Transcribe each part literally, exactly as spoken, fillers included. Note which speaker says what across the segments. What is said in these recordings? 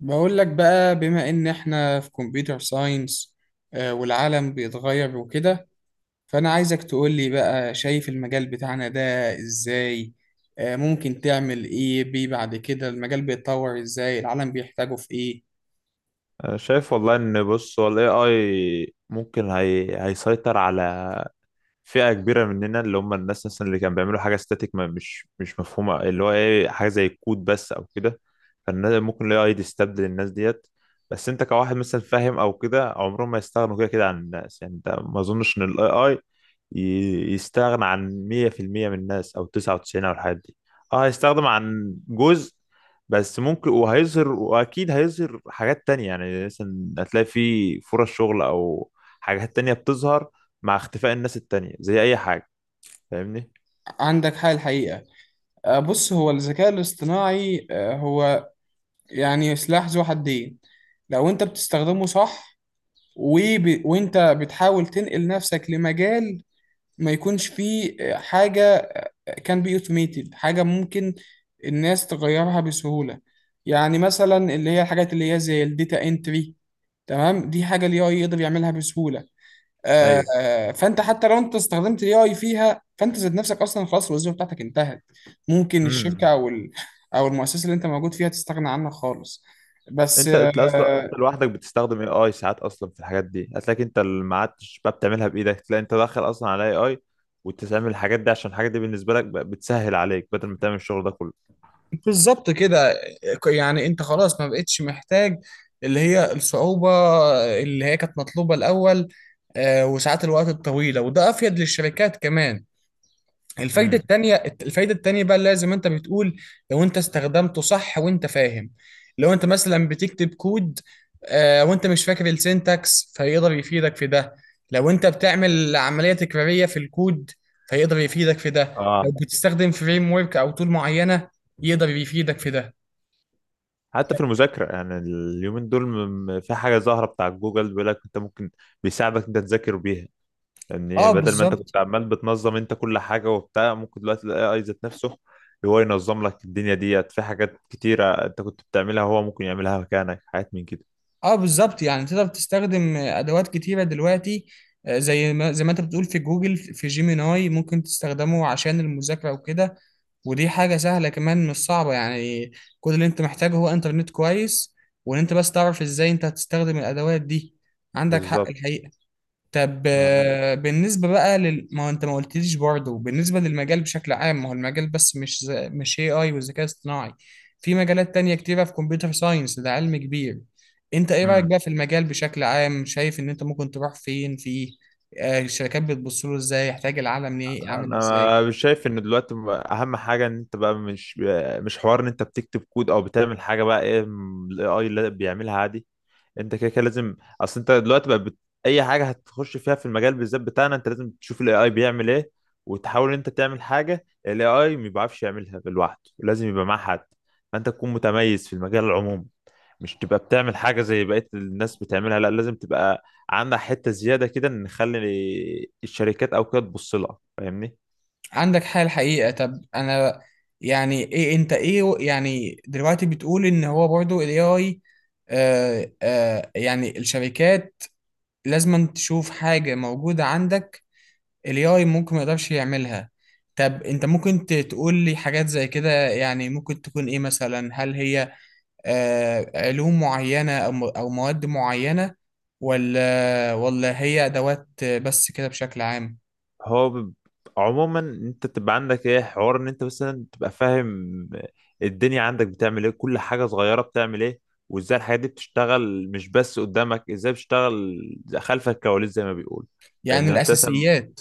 Speaker 1: بقول لك بقى، بما ان احنا في كمبيوتر ساينس والعالم بيتغير وكده، فانا عايزك تقول لي بقى شايف المجال بتاعنا ده ازاي؟ آه، ممكن تعمل ايه بيه بعد كده؟ المجال بيتطور ازاي؟ العالم بيحتاجه في ايه؟
Speaker 2: أنا شايف والله ان بص هو الاي اي ممكن هي... هيسيطر على فئة كبيرة مننا، اللي هم الناس مثلا اللي كانوا بيعملوا حاجة ستاتيك ما مش مش مفهومة، اللي هو ايه حاجة زي الكود بس او كده. فالناس ممكن الاي اي يستبدل الناس ديت، بس انت كواحد مثلا فاهم او كده عمرهم ما يستغنوا كده كده عن الناس. يعني انت ما اظنش ان الاي اي يستغنى عن مية في المية من الناس او تسعة وتسعين او الحاجات دي. اه هيستخدم عن جزء، بس ممكن وهيظهر واكيد هيظهر حاجات تانية. يعني مثلا هتلاقي في فرص شغل او حاجات تانية بتظهر مع اختفاء الناس التانية زي اي حاجة. فاهمني؟
Speaker 1: عندك حاجة الحقيقة. آه، بص، هو الذكاء الاصطناعي آه، هو يعني سلاح ذو حدين. لو انت بتستخدمه صح، وب... وانت بتحاول تنقل نفسك لمجال ما يكونش فيه آه، حاجة كان بي اوتوميتد، حاجه ممكن الناس تغيرها بسهوله. يعني مثلا اللي هي الحاجات اللي هي زي الداتا انتري. تمام، دي حاجه الاي اي يقدر يعملها بسهوله. آه،
Speaker 2: ايوه.
Speaker 1: آه، فانت حتى لو انت استخدمت الاي اي فيها، فانت ذات نفسك اصلا خلاص الوظيفه بتاعتك انتهت. ممكن الشركه
Speaker 2: امم.
Speaker 1: او ال- او المؤسسه اللي انت موجود فيها تستغنى عنها خالص. بس.
Speaker 2: انت
Speaker 1: آه،
Speaker 2: انت اصلا انت لوحدك بتستخدم اي اي ساعات، اصلا في الحاجات دي هتلاقيك انت اللي ما عادش بقى بتعملها بايدك، تلاقي انت داخل اصلا على اي اي وتستعمل الحاجات دي، عشان الحاجات دي بالنسبة لك بقى بتسهل عليك بدل ما تعمل الشغل ده كله.
Speaker 1: بالظبط كده. يعني انت خلاص ما بقتش محتاج اللي هي الصعوبة، اللي هي كانت مطلوبة الأول. آه، وساعات الوقت الطويلة، وده أفيد للشركات كمان. الفايدة
Speaker 2: امم.
Speaker 1: التانية الفايدة التانية بقى، لازم انت بتقول لو انت استخدمته صح وانت فاهم. لو انت مثلا بتكتب كود، آه وانت مش فاكر السينتاكس، فيقدر يفيدك في ده. لو انت بتعمل عملية تكرارية في الكود، فيقدر يفيدك في ده.
Speaker 2: اه.
Speaker 1: لو بتستخدم فريم ورك او تول معينة، يقدر يفيدك في ده.
Speaker 2: حتى في
Speaker 1: طيب.
Speaker 2: المذاكرة، يعني اليومين دول م- م- في حاجة ظاهرة بتاع جوجل بيقول لك انت ممكن بيساعدك انت تذاكر بيها. يعني
Speaker 1: اه،
Speaker 2: بدل ما انت
Speaker 1: بالظبط.
Speaker 2: كنت عمال بتنظم انت كل حاجه وبتاع، ممكن دلوقتي الاي اي ذات نفسه هو ينظم لك الدنيا ديت. في حاجات كتيره انت كنت بتعملها هو ممكن يعملها مكانك، حاجات من كده.
Speaker 1: اه، بالظبط، يعني تقدر تستخدم ادوات كتيره دلوقتي. آه، زي ما زي ما انت بتقول، في جوجل، في جيميناي ممكن تستخدمه عشان المذاكره وكده. ودي حاجة سهلة كمان، مش صعبة يعني. كل اللي انت محتاجه هو انترنت كويس، وان انت بس تعرف ازاي انت هتستخدم الادوات دي. عندك حق
Speaker 2: بالظبط.
Speaker 1: الحقيقة. طب آه، بالنسبة بقى لل... ما هو انت ما قلتليش برضه بالنسبة للمجال بشكل عام. ما هو المجال بس، مش ز... مش A I والذكاء الاصطناعي. في مجالات تانية كتيرة في كمبيوتر ساينس، ده علم كبير. انت ايه رأيك
Speaker 2: آه.
Speaker 1: بقى في المجال بشكل عام؟ شايف ان انت ممكن تروح فين فيه؟ آه، الشركات بتبص له ازاي؟ يحتاج العالم ليه؟ عامل ازاي؟
Speaker 2: انا مش شايف ان دلوقتي بقى- اهم حاجه ان انت بقى مش مش حوار ان انت بتكتب كود او بتعمل حاجه بقى، ايه الاي اي اللي بيعملها عادي. انت كده كده لازم، اصل انت دلوقتي بقى بت... اي حاجه هتخش فيها في المجال بالذات بتاعنا انت لازم تشوف الاي اي بيعمل ايه، وتحاول ان انت تعمل حاجه الاي اي ما بيعرفش يعملها لوحده، لازم يبقى معاه حد. فانت تكون متميز في المجال العمومي، مش تبقى بتعمل حاجه زي بقيه الناس بتعملها. لا لازم تبقى عندها حته زياده كده، نخلي الشركات او كده تبص لها. فاهمني؟
Speaker 1: عندك حال الحقيقة. طب انا يعني ايه انت ايه و- يعني دلوقتي بتقول ان هو برضو الاي اي، آه آه يعني الشركات لازم تشوف حاجة موجودة عندك الاي اي ممكن ما يقدرش يعملها. طب انت ممكن ت- تقول لي حاجات زي كده؟ يعني ممكن تكون ايه مثلا؟ هل هي آه علوم معينة او م- او مواد معينة؟ ولا ولا هي ادوات بس كده بشكل عام؟
Speaker 2: هو ب- عموما انت تبقى عندك ايه حوار ان انت مثلا تبقى فاهم الدنيا عندك بتعمل ايه، كل حاجة صغيرة بتعمل ايه، وازاي الحاجات دي بتشتغل، مش بس قدامك ازاي بتشتغل، خلف الكواليس زي ما بيقول.
Speaker 1: يعني
Speaker 2: فاهمني؟ ما انت مثلا
Speaker 1: الاساسيات.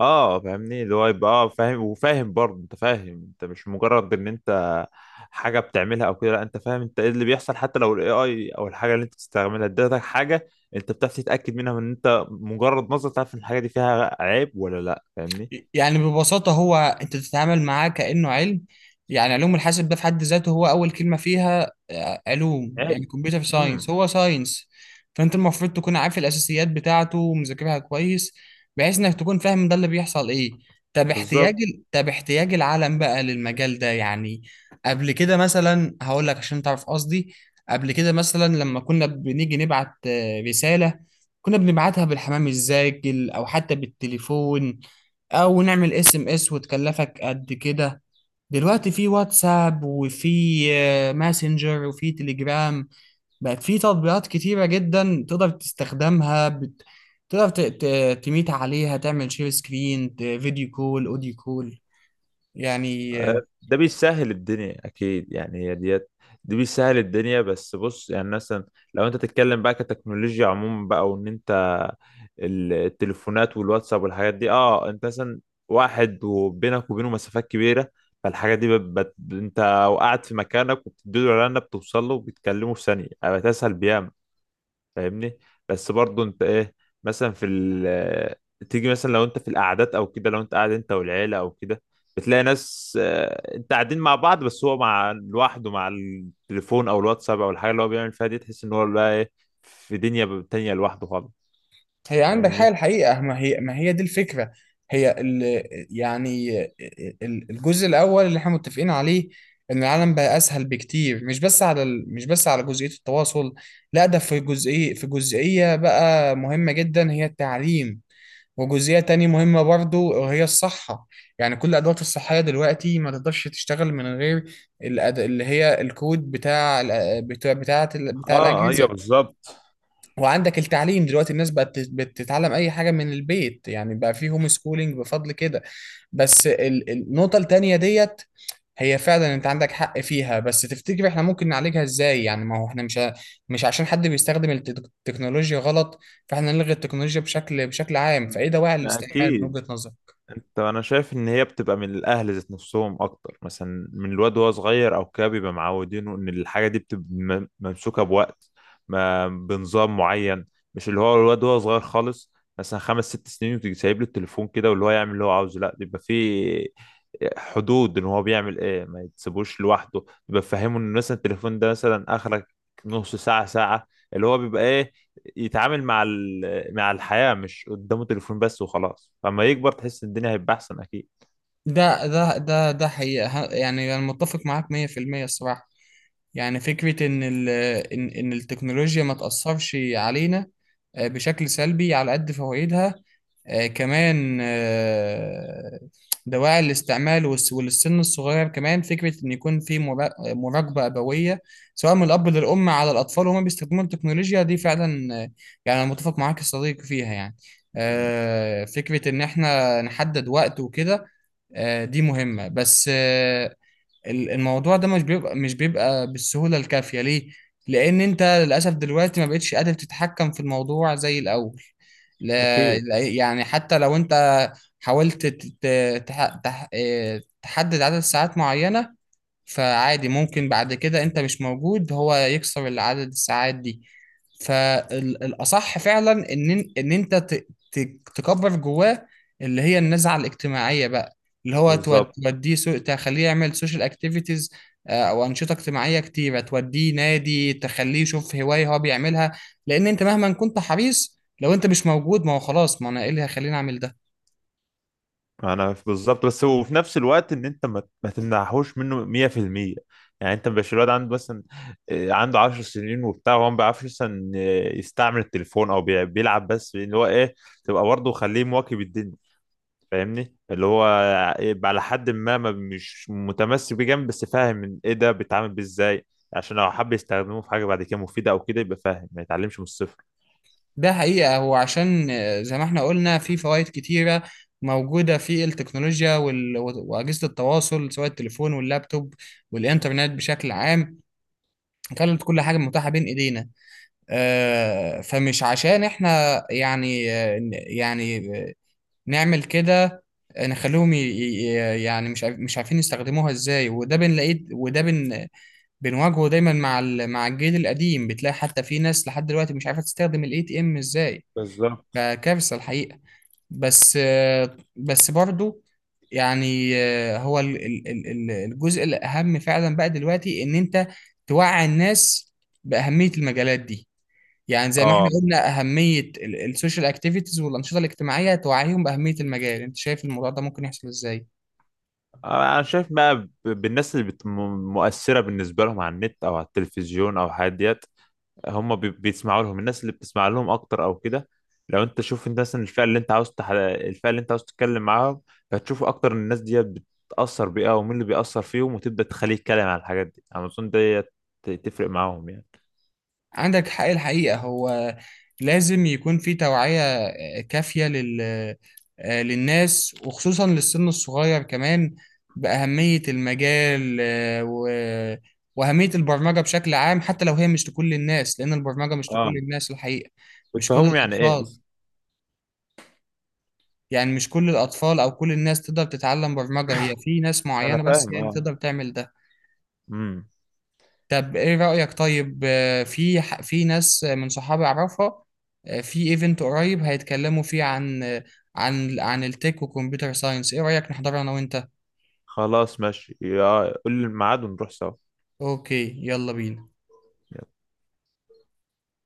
Speaker 2: اه فاهمني اللي هو يبقى اه فاهم، وفاهم برضه انت فاهم، انت مش مجرد ان انت حاجه بتعملها او كده. لا انت فاهم انت ايه اللي بيحصل، حتى لو الاي اي او الحاجه اللي انت بتستعملها ادتك حاجه، انت بتعرف تتاكد منها، من ان انت مجرد نظره تعرف ان الحاجه دي فيها عيب ولا لا. فاهمني؟
Speaker 1: يعني ببساطة هو، أنت بتتعامل معاه كأنه علم. يعني علوم الحاسب ده في حد ذاته، هو أول كلمة فيها آه، علوم، يعني
Speaker 2: عيب.
Speaker 1: كمبيوتر
Speaker 2: امم.
Speaker 1: ساينس هو ساينس. فأنت المفروض تكون عارف الأساسيات بتاعته ومذاكرها كويس، بحيث إنك تكون فاهم ده اللي بيحصل إيه. طب
Speaker 2: بالظبط.
Speaker 1: احتياج ال- طب احتياج العالم بقى للمجال ده يعني. قبل كده مثلا هقول لك عشان تعرف قصدي. قبل كده مثلا لما كنا بنيجي نبعت آه، رسالة، كنا بنبعتها بالحمام الزاجل أو حتى بالتليفون، او نعمل اس ام اس وتكلفك قد كده. دلوقتي في واتساب، وفي آه، ماسنجر، وفي تليجرام. بقت في تطبيقات كتيرة جدا تقدر تستخدمها بت... تقدر ت... ت... تميت عليها، تعمل شير سكرين، ت... فيديو كول، اوديو كول، يعني.
Speaker 2: ده بيسهل الدنيا اكيد. يعني هي ديت، دي بيسهل الدنيا، بس بص يعني مثلا لو انت تتكلم بقى كتكنولوجيا عموما بقى، وان انت ال- التليفونات والواتساب والحاجات دي، اه انت مثلا واحد وبينك وبينه مسافات كبيره، فالحاجات دي بت... بت... انت وقعد في مكانك وبتديله اعلان بتوصل له وبتكلمه في ثانيه، بتسهل بيها. فاهمني؟ بس برضو انت ايه، مثلا في ال تيجي مثلا لو انت في القعدات او كده، لو انت قاعد انت والعيله او كده، بتلاقي ناس آه، انت قاعدين مع بعض، بس هو مع لوحده مع التليفون او الواتساب او الحاجه اللي هو بيعمل فيها دي، تحس ان هو بقى ايه، في دنيا تانية لوحده خالص.
Speaker 1: هي عندك
Speaker 2: فاهمني؟
Speaker 1: حاجة الحقيقة، ما هي، ما هي دي الفكرة. هي ال يعني ال- الجزء الأول اللي احنا متفقين عليه إن العالم بقى أسهل بكتير، مش بس على ال مش بس على جزئية التواصل. لا، ده في جزئية في جزئية بقى مهمة جدا، هي التعليم. وجزئية تانية مهمة برضو، وهي الصحة. يعني كل الأدوات الصحية دلوقتي ما تقدرش تشتغل من غير الأد... اللي هي الكود بتاع ال- بتاع بتاع, بتاع
Speaker 2: اه. ايوه.
Speaker 1: الأجهزة.
Speaker 2: بالظبط.
Speaker 1: وعندك التعليم دلوقتي الناس بقت بت- بتتعلم اي حاجه من البيت، يعني بقى في هوم سكولينج بفضل كده. بس ال- النقطه التانيه ديت هي فعلا انت عندك حق فيها، بس تفتكر احنا ممكن نعالجها ازاي؟ يعني ما هو احنا مش ه- مش عشان حد بيستخدم التك- التكنولوجيا غلط، فاحنا نلغي التكنولوجيا بشكل بشكل عام. فايه دواعي
Speaker 2: ما
Speaker 1: الاستعمال من
Speaker 2: اكيد.
Speaker 1: وجهة نظرك؟
Speaker 2: انت انا شايف ان هي بتبقى من الاهل ذات نفسهم اكتر، مثلا من الواد وهو صغير او كده بيبقى معودينه ان الحاجه دي بتبقى م- ممسوكه بوقت، ما بنظام معين، مش اللي هو الواد وهو صغير خالص مثلا خمس ست سنين وتيجي سايب له التليفون كده واللي هو يعمل اللي هو عاوزه. لا، بيبقى في حدود ان هو بيعمل ايه، ما يتسيبوش لوحده، بيبقى فاهمه ان مثلا التليفون ده مثلا اخرك نص ساعه ساعه، اللي هو بيبقى ايه، يتعامل مع ال- مع الحياة، مش قدامه تليفون بس وخلاص. لما يكبر تحس ان الدنيا هيبقى احسن اكيد.
Speaker 1: ده ده ده ده حقيقة، ه- يعني انا متفق معاك مية في المية الصراحة. يعني فكرة إن ال إن إن التكنولوجيا ما تأثرش علينا آه، بشكل سلبي على قد فوائدها، آه، كمان. آه، دواعي الاستعمال والس- وللسن الصغير كمان، فكرة إن يكون في مرا- مراقبة أبوية، سواء من الأب للأم، على الأطفال وهما بيستخدموا التكنولوجيا دي فعلا. آه، يعني أنا متفق معاك يا صديقي فيها يعني. آه، فكرة إن إحنا نحدد وقت وكده، آه، دي مهمة. بس آه، ال- الموضوع ده مش بيبقى مش بيبقى بالسهولة الكافية، ليه؟ لأن أنت للأسف دلوقتي ما بقتش قادر تتحكم في الموضوع زي الأول. لا،
Speaker 2: اكيد.
Speaker 1: لا- يعني حتى لو أنت حاولت ت- ت- تح- تح- إيه، تحدد عدد ساعات معينة، فعادي ممكن بعد كده انت مش موجود هو يكسر العدد الساعات دي. فالأصح فعلا إن إن أنت ت- ت- تكبر جواه، اللي هي النزعة الاجتماعية بقى، اللي هو تو-
Speaker 2: بالظبط.
Speaker 1: توديه سو... تخليه يعمل سوشيال اكتيفيتيز، أو أنشطة اجتماعية كتيرة، توديه نادي، تخليه يشوف هواية هو بيعملها. لأن أنت مهما كنت حريص لو أنت مش موجود، ما هو خلاص، ما أنا إيه اللي هيخليني أعمل ده.
Speaker 2: انا في- بالظبط، بس وفي نفس الوقت ان انت ما ما تمنعهوش منه مية في المية. يعني انت مش الواد عنده مثلا، آه، عنده 10 سنين وبتاع، وهو ما بيعرفش مثلا، آه، يستعمل التليفون او بي- بيلعب بس. اللي هو ايه، تبقى برضه خليه مواكب الدنيا. فاهمني؟ اللي هو يبقى على حد ما ما مش متمسك بيه جامد، بس فاهم إن ايه ده، بيتعامل بيه ازاي، عشان لو حب يستخدموه في حاجه بعد كده مفيده او كده يبقى فاهم، ما يتعلمش من الصفر.
Speaker 1: ده حقيقة هو عشان آه، زي ما احنا قلنا، في فوائد كتيرة موجودة في التكنولوجيا وال... وأجهزة التواصل، سواء التليفون واللابتوب والإنترنت بشكل عام، خلت كل حاجة متاحة بين إيدينا. آه، فمش عشان احنا يعني آه، ن- يعني آه، نعمل كده، نخليهم ي... ي- يعني مش عارف... مش عارفين يستخدموها ازاي، وده بنلاقيه، وده بن... بنواجهه دايما مع ال... مع الجيل القديم. بتلاقي حتى في ناس لحد دلوقتي مش عارفة تستخدم الاي تي ام ازاي،
Speaker 2: بالظبط.
Speaker 1: فكارثة الحقيقة. بس بس برضو، يعني هو ال- ال- ال- ال- الجزء الأهم فعلا بقى دلوقتي إن أنت توعي الناس بأهمية المجالات دي. يعني زي ما احنا
Speaker 2: اه.
Speaker 1: قلنا أهمية ال- السوشيال اكتيفيتيز والأنشطة الاجتماعية، توعيهم بأهمية المجال. أنت شايف الموضوع ده ممكن يحصل إزاي؟
Speaker 2: انا شايف بقى ب- بالناس اللي بت- م- مؤثره بالنسبه لهم على النت او على التلفزيون او الحاجات ديت. هم بي- بيسمعوا لهم، الناس اللي بتسمع لهم اكتر او كده. لو انت شوف انت مثلا الفئه اللي انت عاوز تح... الفئه اللي انت عاوز تتكلم معاهم، هتشوف اكتر ان الناس دي بتاثر بيها، ومين اللي بيأثر فيهم، وتبدا تخليه يتكلم على الحاجات دي. انا اظن دي ت- تفرق معاهم يعني.
Speaker 1: عندك حق الحقيقة. هو لازم يكون في توعية آه، كافية لل... آه، للناس، وخصوصا للسن الصغير كمان، بأهمية المجال، آه، و... وأهمية البرمجة بشكل عام. حتى لو هي مش لكل الناس، لأن البرمجة مش
Speaker 2: اه.
Speaker 1: لكل الناس الحقيقة. مش كل
Speaker 2: وتفهمهم يعني ايه
Speaker 1: الأطفال.
Speaker 2: بس.
Speaker 1: يعني مش كل الأطفال أو كل الناس تقدر تتعلم برمجة، هي في ناس
Speaker 2: انا
Speaker 1: معينة بس
Speaker 2: فاهم
Speaker 1: هي اللي
Speaker 2: اه.
Speaker 1: تقدر تعمل ده.
Speaker 2: امم.
Speaker 1: طب ايه رأيك؟ طيب آه، في ح- في ناس من صحابي اعرفها، آه، في ايفنت قريب هيتكلموا فيه عن آه، عن عن التك وكمبيوتر ساينس، ايه رأيك نحضره انا وانت؟
Speaker 2: خلاص ماشي يا- قول لي الميعاد ونروح سوا.
Speaker 1: اوكي، يلا بينا.